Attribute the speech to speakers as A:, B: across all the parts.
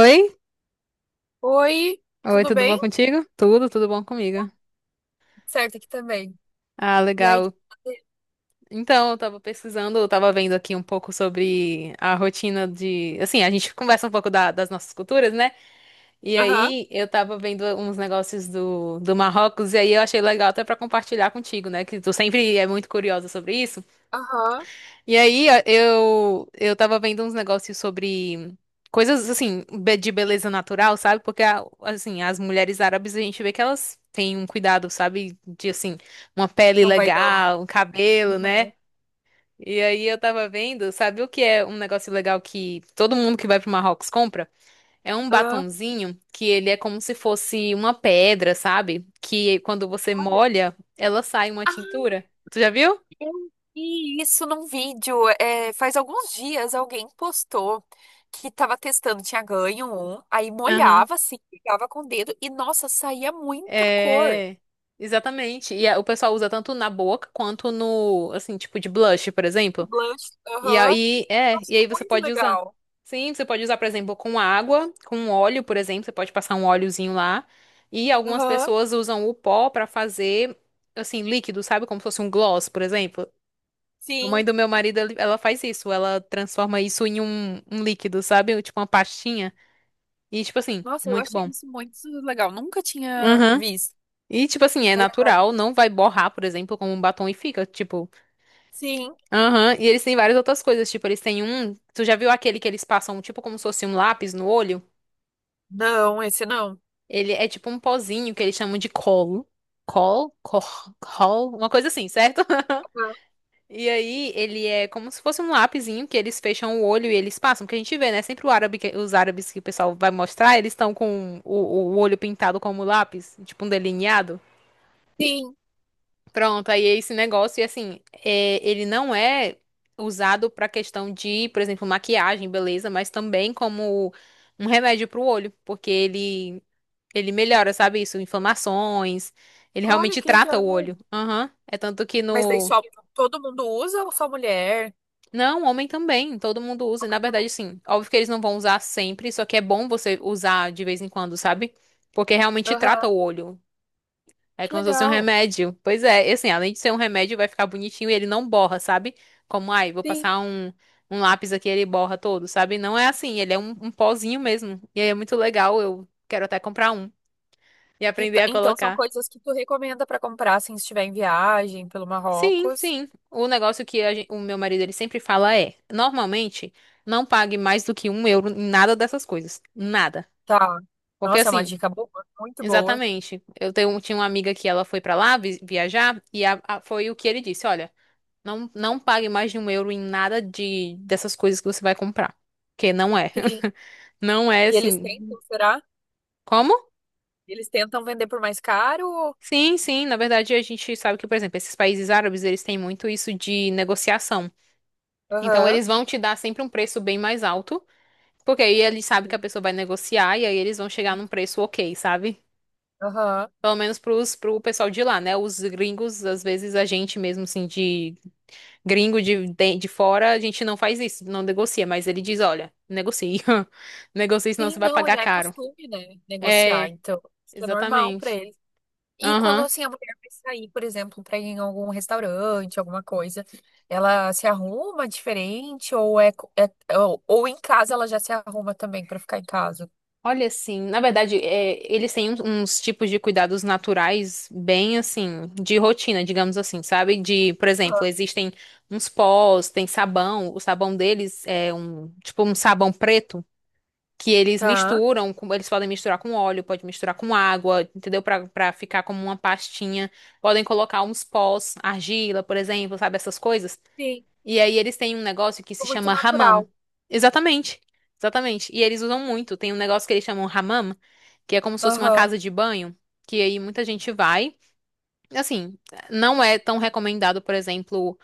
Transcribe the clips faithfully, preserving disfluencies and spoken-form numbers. A: Oi?
B: Oi,
A: Oi,
B: tudo
A: tudo
B: bem?
A: bom contigo? Tudo, tudo bom comigo.
B: Certo aqui também.
A: Ah,
B: E aí?
A: legal. Então, eu tava pesquisando, eu tava vendo aqui um pouco sobre a rotina de. Assim, a gente conversa um pouco da- das nossas culturas, né? E
B: Aham,
A: aí eu tava vendo uns negócios do, do Marrocos, e aí eu achei legal até pra compartilhar contigo, né? Que tu sempre é muito curiosa sobre isso.
B: aham.
A: E aí, ó, eu, eu tava vendo uns negócios sobre coisas, assim, be- de beleza natural, sabe? Porque, a- assim, as mulheres árabes, a gente vê que elas têm um cuidado, sabe? De, assim, uma pele
B: Não vai não.
A: legal, um cabelo, né?
B: Aham.
A: E aí eu tava vendo, sabe o que é um negócio legal que todo mundo que vai pro Marrocos compra? É um
B: Ah,
A: batonzinho que ele é como se fosse uma pedra, sabe? Que quando você
B: olha.
A: molha, ela sai uma
B: Ah,
A: tintura. Tu já viu?
B: eu vi isso num vídeo. É, faz alguns dias alguém postou que tava testando, tinha ganho um, aí
A: Aham.
B: molhava assim, pegava com o dedo e, nossa, saía muita cor.
A: É, exatamente. E a- o pessoal usa tanto na boca quanto no, assim, tipo de blush, por
B: O
A: exemplo.
B: Blush,
A: E
B: aham.
A: aí,
B: Eu
A: é, e
B: achei
A: aí você
B: muito
A: pode usar.
B: legal.
A: Sim, você pode usar, por exemplo, com água, com óleo, por exemplo, você pode passar um óleozinho lá. E algumas
B: Aham,
A: pessoas usam o pó pra fazer, assim, líquido, sabe? Como se fosse um gloss, por exemplo. A mãe
B: sim.
A: do meu marido, ele- ela faz isso, ela transforma isso em um, um líquido, sabe? Tipo uma pastinha. E, tipo assim,
B: Nossa, eu
A: muito
B: achei
A: bom.
B: isso muito legal. Nunca tinha visto.
A: E, tipo assim, é
B: Aí agora,
A: natural, não vai borrar, por exemplo, como um batom e fica, tipo,
B: sim.
A: aham. E eles têm várias outras coisas, tipo, eles têm um. Tu já viu aquele que eles passam, tipo, como se fosse um lápis no olho?
B: Não, esse não.
A: Ele é tipo um pozinho que eles chamam de colo. Col? Cor? Col? Uma coisa assim, certo?
B: Ah,
A: E aí, ele é como se fosse um lapisinho que eles fecham o olho e eles passam. Porque a gente vê, né? Sempre o árabe, que- os árabes que o pessoal vai mostrar, eles estão com o, o olho pintado como lápis, tipo um delineado.
B: sim.
A: Pronto, aí é esse negócio, e assim, é, ele não é usado pra questão de, por exemplo, maquiagem, beleza, mas também como um remédio pro olho, porque ele, ele melhora, sabe isso? Inflamações, ele
B: Olha
A: realmente
B: que
A: trata o
B: legal.
A: olho. Aham, é tanto que
B: Mas daí
A: no.
B: só todo mundo usa ou só mulher?
A: Não, homem também, todo mundo usa, e na
B: Homem
A: verdade,
B: também.
A: sim, óbvio que eles não vão usar sempre, só que é bom você usar de vez em quando, sabe? Porque realmente trata
B: Aham.
A: o olho. É
B: Que
A: como se fosse um
B: legal.
A: remédio. Pois é, e assim, além de ser um remédio, vai ficar bonitinho e ele não borra, sabe? Como, ai, vou
B: Sim.
A: passar um, um, lápis aqui e ele borra todo, sabe? Não é assim, ele é um, um pozinho mesmo. E aí é muito legal, eu quero até comprar um e
B: E t-
A: aprender a
B: então são
A: colocar.
B: coisas que tu recomenda pra comprar assim, se estiver em viagem pelo
A: Sim,
B: Marrocos.
A: sim. O negócio que a gen- o meu marido ele sempre fala é, normalmente, não pague mais do que um euro em nada dessas coisas. Nada.
B: Tá.
A: Porque
B: Nossa, é uma
A: assim,
B: dica boa, muito boa.
A: exatamente. Eu tenho, tinha uma amiga que ela foi pra lá vi- viajar e a- a- foi o que ele disse, olha. Não, não pague mais de um euro em nada de dessas coisas que você vai comprar. Porque não é.
B: Sim.
A: Não é
B: E eles
A: assim.
B: tentam, será?
A: Como?
B: Eles tentam vender por mais caro?
A: Sim, sim. Na verdade, a gente sabe que, por exemplo, esses países árabes, eles têm muito isso de negociação. Então,
B: Aham.
A: eles vão te dar sempre um preço bem mais alto, porque aí eles sabem que a pessoa vai negociar e aí eles vão chegar
B: Sim.
A: num preço ok, sabe?
B: Aham.
A: Pelo menos pros, pro pessoal de lá, né? Os gringos, às vezes, a gente mesmo, assim, de gringo de, de, de fora, a gente não faz isso, não negocia, mas ele diz, olha, negocie. Negocie, senão você
B: Sim,
A: vai
B: não,
A: pagar
B: já é
A: caro.
B: costume, né? Negociar,
A: É,
B: então. Isso é normal pra
A: exatamente.
B: eles. E quando
A: Aham.
B: assim a mulher vai sair, por exemplo, para ir em algum restaurante, alguma coisa, ela se arruma diferente ou é, co- é- ou, ou em casa ela já se arruma também para ficar em casa?
A: Olha, assim, na verdade, é, eles têm uns, uns tipos de cuidados naturais bem, assim, de rotina, digamos assim, sabe? De, por exemplo,
B: Aham.
A: existem uns pós, tem sabão, o sabão deles é um, tipo, um sabão preto que eles
B: Tá.
A: misturam, com- eles podem misturar com óleo, pode misturar com água, entendeu? Pra, pra ficar como uma pastinha. Podem colocar uns pós, argila, por exemplo, sabe? Essas coisas.
B: Sim,
A: E aí eles têm um negócio que se
B: ficou muito
A: chama hammam.
B: natural.
A: Exatamente. Exatamente. E eles usam muito. Tem um negócio que eles chamam hammam, que é como se fosse uma
B: Aham.
A: casa de banho, que aí muita gente vai. Assim, não é tão recomendado, por exemplo.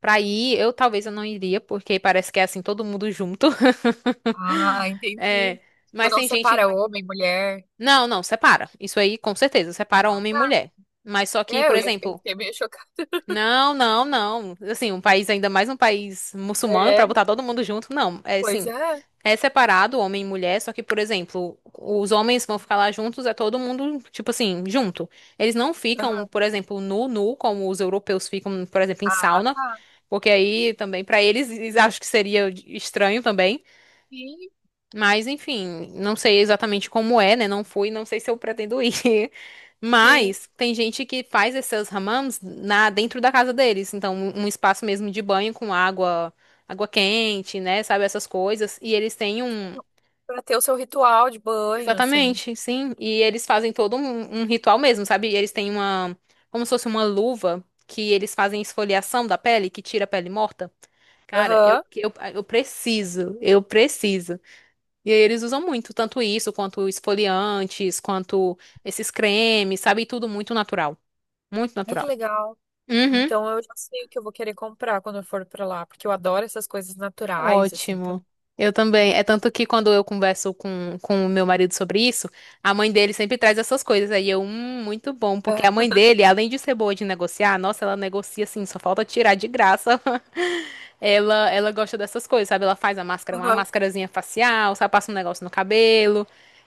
A: Pra ir, eu talvez eu não iria, porque parece que é assim, todo mundo junto.
B: Ah, entendi.
A: É,
B: Tipo,
A: mas
B: não
A: tem
B: separa
A: gente.
B: homem, mulher.
A: Não, não, separa. Isso aí, com certeza, separa
B: Ah,
A: homem e
B: tá.
A: mulher. Mas só que,
B: É,
A: por
B: eu, ia- eu
A: exemplo,
B: fiquei meio chocada.
A: não, não, não. Assim, um país, ainda mais um país muçulmano,
B: É.
A: pra botar todo mundo junto, não. É
B: Pois
A: assim,
B: é.
A: é separado, homem e mulher, só que, por exemplo, os homens vão ficar lá juntos, é todo mundo, tipo assim, junto. Eles não ficam,
B: Aham.
A: por exemplo, nu, nu, como os europeus ficam, por exemplo, em
B: Ah,
A: sauna,
B: tá.
A: porque aí também, pra eles, eles acham que seria estranho também.
B: Sim,
A: Mas, enfim, não sei exatamente como é, né? Não fui, não sei se eu pretendo ir.
B: sim.
A: Mas tem gente que faz esses hammams na dentro da casa deles, então um um espaço mesmo de banho com água, água quente, né? Sabe essas coisas? E eles têm um
B: Pra ter o seu ritual de banho, assim.
A: exatamente, sim. E eles fazem todo um, um ritual mesmo, sabe? E eles têm uma, como se fosse uma luva que eles fazem esfoliação da pele, que tira a pele morta. Cara, eu,
B: Aham.
A: eu, eu preciso, eu preciso. E aí eles usam muito, tanto isso, quanto esfoliantes, quanto esses cremes, sabe? Tudo muito natural. Muito
B: Ai, que
A: natural.
B: legal.
A: Uhum.
B: Então eu já sei o que eu vou querer comprar quando eu for pra lá, porque eu adoro essas coisas naturais, assim. Então,
A: Ótimo. Eu também. É tanto que quando eu converso com, com o meu marido sobre isso, a mãe dele sempre traz essas coisas. Aí eu, hum, muito bom, porque
B: ah,
A: a mãe dele, além de ser boa de negociar, nossa, ela negocia assim, só falta tirar de graça. Ela, ela gosta dessas coisas, sabe? Ela faz a máscara, uma
B: aham.
A: máscarazinha facial, sabe? Passa um negócio no cabelo.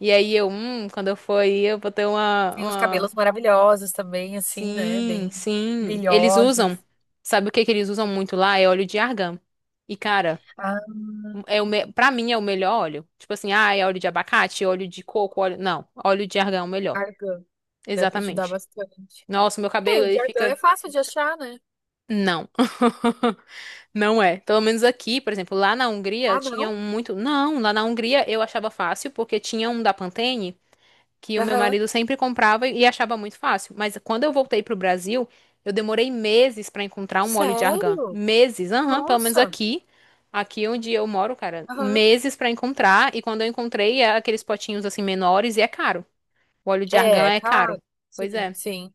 A: E aí eu, hum, quando eu for aí, eu vou ter uma,
B: Tem os
A: uma...
B: cabelos maravilhosos também, assim, né?
A: Sim,
B: Bem
A: sim. Eles usam,
B: brilhosos.
A: sabe o que que eles usam muito lá? É óleo de argan. E, cara.
B: Ah,
A: É o me... Pra mim é o melhor óleo. Tipo assim, ah, é óleo de abacate, óleo de coco, óleo. Não, óleo de argão é o melhor.
B: argan deve ajudar
A: Exatamente.
B: bastante.
A: Nossa, meu
B: É,
A: cabelo
B: o
A: ele
B: de argan é
A: fica.
B: fácil de achar, né?
A: Não. Não é. Pelo menos aqui, por exemplo, lá na Hungria
B: Ah,
A: tinha
B: não?
A: um muito. Não, lá na Hungria eu achava fácil, porque tinha um da Pantene. Que o meu
B: Aham.
A: marido sempre comprava e achava muito fácil. Mas quando eu voltei pro Brasil, eu demorei meses para encontrar um óleo de argan.
B: Sério?
A: Meses, aham, pelo menos
B: Nossa.
A: aqui, aqui, onde eu moro, cara,
B: Aham.
A: meses para encontrar. E quando eu encontrei, é aqueles potinhos assim menores e é caro. O óleo de argan
B: É,
A: é caro.
B: cara.
A: Pois
B: Sim,
A: é.
B: sim.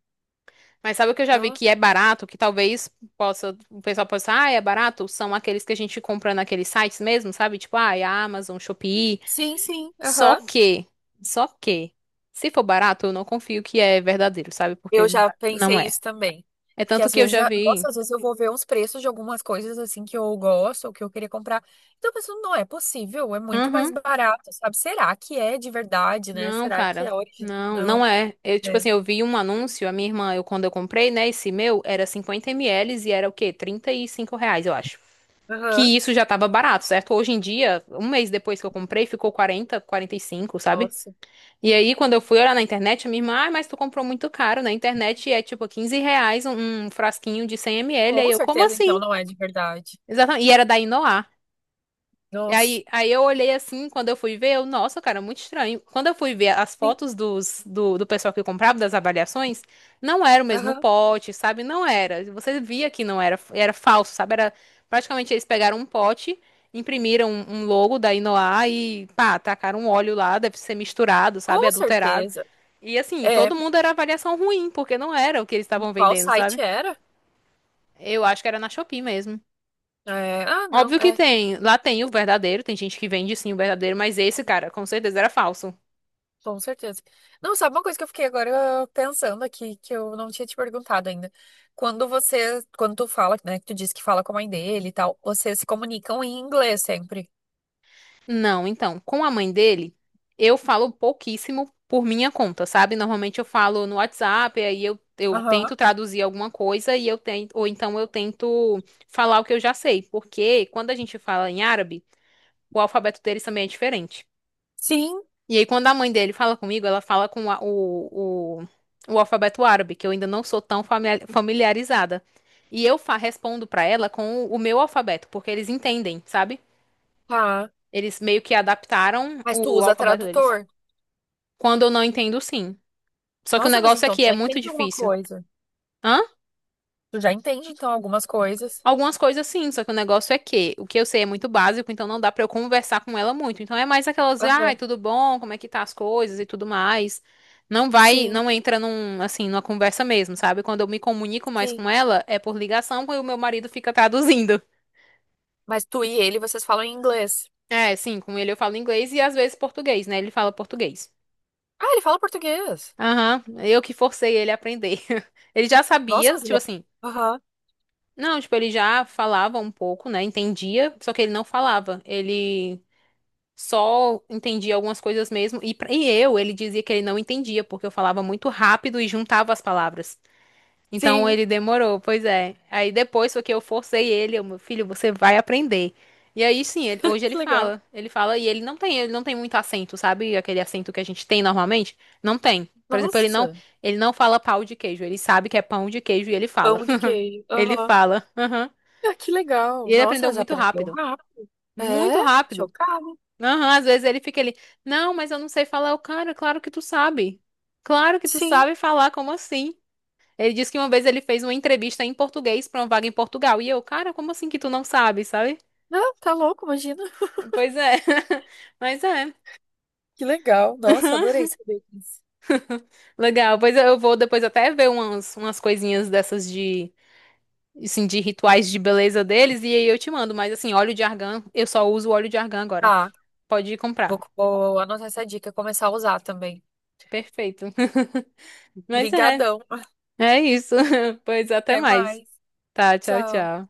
A: Mas sabe o que eu já vi
B: No-
A: que é barato, que talvez possa, o pessoal possa, ah, é barato? São aqueles que a gente compra naqueles sites mesmo, sabe? Tipo, ah, é Amazon, Shopee.
B: Sim, sim.
A: Só
B: Aham.
A: que, só que, se for barato, eu não confio que é verdadeiro, sabe?
B: Eu
A: Porque
B: já
A: não
B: pensei
A: é.
B: isso também.
A: É
B: Porque
A: tanto
B: às
A: que eu
B: vezes,
A: já
B: a- nossa,
A: vi.
B: às vezes eu vou ver uns preços de algumas coisas assim que eu gosto ou que eu queria comprar. Então eu penso, não é possível, é muito mais
A: Uhum.
B: barato, sabe? Será que é de verdade, né?
A: Não,
B: Será que
A: cara.
B: é original?
A: Não, não
B: Não.
A: é. Eu, tipo
B: É.
A: assim, eu vi um anúncio, a minha irmã, eu quando eu comprei, né, esse meu, era cinquenta ml e era o quê? Trinta e cinco reais, eu acho.
B: Aham.
A: Que isso já tava barato, certo? Hoje em dia, um mês depois que eu comprei, ficou quarenta quarenta e cinco sabe?
B: Nossa.
A: E aí, quando eu fui olhar na internet, a minha irmã, ah, mas tu comprou muito caro na internet e é tipo quinze reais um, um, frasquinho de cem ml. Aí
B: Com
A: eu, como
B: certeza, então,
A: assim?
B: não é de verdade.
A: Exatamente. E era da Inoar. E
B: Nossa.
A: aí, aí eu olhei assim, quando eu fui ver, eu, nossa, cara, muito estranho. Quando eu fui ver as
B: Sim.
A: fotos dos, do, do pessoal que comprava, das avaliações, não era o mesmo
B: Aham.
A: pote, sabe? Não era. Você via que não era, era falso, sabe? Era, praticamente eles pegaram um pote, imprimiram um, um logo da Inoar e, pá, tacaram um óleo lá, deve ser misturado, sabe?
B: Com
A: Adulterado.
B: certeza.
A: E assim,
B: É.
A: todo mundo era avaliação ruim, porque não era o que eles estavam
B: Qual
A: vendendo,
B: site
A: sabe?
B: era?
A: Eu acho que era na Shopee mesmo.
B: É, ah, não.
A: Óbvio que
B: É
A: tem, lá tem o verdadeiro, tem gente que vende sim o verdadeiro, mas esse cara, com certeza era falso.
B: com certeza. Não, sabe uma coisa que eu fiquei agora pensando aqui, que eu não tinha te perguntado ainda. Quando você, quando tu fala, né, que tu disse que fala com a mãe dele e tal, vocês se comunicam em inglês sempre.
A: Não, então, com a mãe dele, eu falo pouquíssimo por minha conta, sabe? Normalmente eu falo no WhatsApp, aí eu, eu
B: Aham.
A: tento traduzir alguma coisa e eu tento, ou então eu tento falar o que eu já sei, porque quando a gente fala em árabe, o alfabeto deles também é diferente.
B: Sim.
A: E aí, quando a mãe dele fala comigo, ela fala com a- o, o, o, alfabeto árabe, que eu ainda não sou tão famia- familiarizada. E eu fa- respondo pra ela com o, o meu alfabeto, porque eles entendem, sabe?
B: Tá.
A: Eles meio que adaptaram
B: Mas tu
A: o
B: usa
A: alfabeto deles.
B: tradutor.
A: Quando eu não entendo, sim. Só que o
B: Nossa, mas
A: negócio
B: então
A: aqui
B: tu
A: é
B: já
A: muito
B: entende alguma
A: difícil.
B: coisa.
A: Hã?
B: Tu já entende, então, algumas coisas.
A: Algumas coisas sim, só que o negócio é que o que eu sei é muito básico, então não dá pra eu conversar com ela muito. Então é mais aquelas, ai,
B: Aham.
A: tudo bom, como é que tá as coisas e tudo mais. Não vai,
B: Sim,
A: não entra num, assim, numa conversa mesmo, sabe? Quando eu me comunico mais
B: sim.
A: com ela, é por ligação, quando o meu marido fica traduzindo.
B: Mas tu e ele, vocês falam em inglês.
A: É, sim, com ele eu falo inglês e às vezes português, né? Ele fala português.
B: Ah, ele fala português.
A: Aham, eu que forcei ele a aprender. Ele já
B: Nossa,
A: sabia,
B: mas
A: tipo
B: ele é...
A: assim,
B: Aham.
A: não, tipo, ele já falava um pouco, né? Entendia, só que ele não falava. Ele só entendia algumas coisas mesmo. E, pra- e eu, ele dizia que ele não entendia, porque eu falava muito rápido e juntava as palavras. Então
B: Sim.
A: ele demorou, pois é. Aí depois foi que eu forcei ele, eu, meu filho, você vai aprender. E aí sim, ele- hoje ele
B: Que legal.
A: fala. Ele fala e ele não tem, ele não tem muito acento, sabe? Aquele acento que a gente tem normalmente. Não tem. Por exemplo, ele não,
B: Nossa.
A: ele não fala pau de queijo. Ele sabe que é pão de queijo e ele fala.
B: Pão de queijo.
A: Ele
B: Aham.
A: fala. Aham.
B: Ah, que
A: E
B: legal.
A: ele
B: Nossa,
A: aprendeu
B: mas
A: muito
B: aprendeu
A: rápido.
B: rápido. É,
A: Muito rápido.
B: chocada.
A: Aham, às vezes ele fica ali, não, mas eu não sei falar. O cara, claro que tu sabe. Claro que tu
B: Sim.
A: sabe falar, como assim? Ele disse que uma vez ele fez uma entrevista em português pra uma vaga em Portugal. E eu, cara, como assim que tu não sabe, sabe?
B: Não, tá louco, imagina.
A: Pois é. Mas é.
B: Que legal. Nossa, adorei saber disso.
A: Legal. Pois eu vou depois até ver umas, umas, coisinhas dessas de, assim, de rituais de beleza deles. E aí eu te mando. Mas assim, óleo de argan, eu só uso óleo de argan agora.
B: Tá,
A: Pode ir
B: vou,
A: comprar.
B: vou anotar essa dica e começar a usar também.
A: Perfeito. Mas é.
B: Brigadão.
A: É isso. Pois até
B: Até
A: mais.
B: mais.
A: Tá, tchau,
B: Tchau.
A: tchau.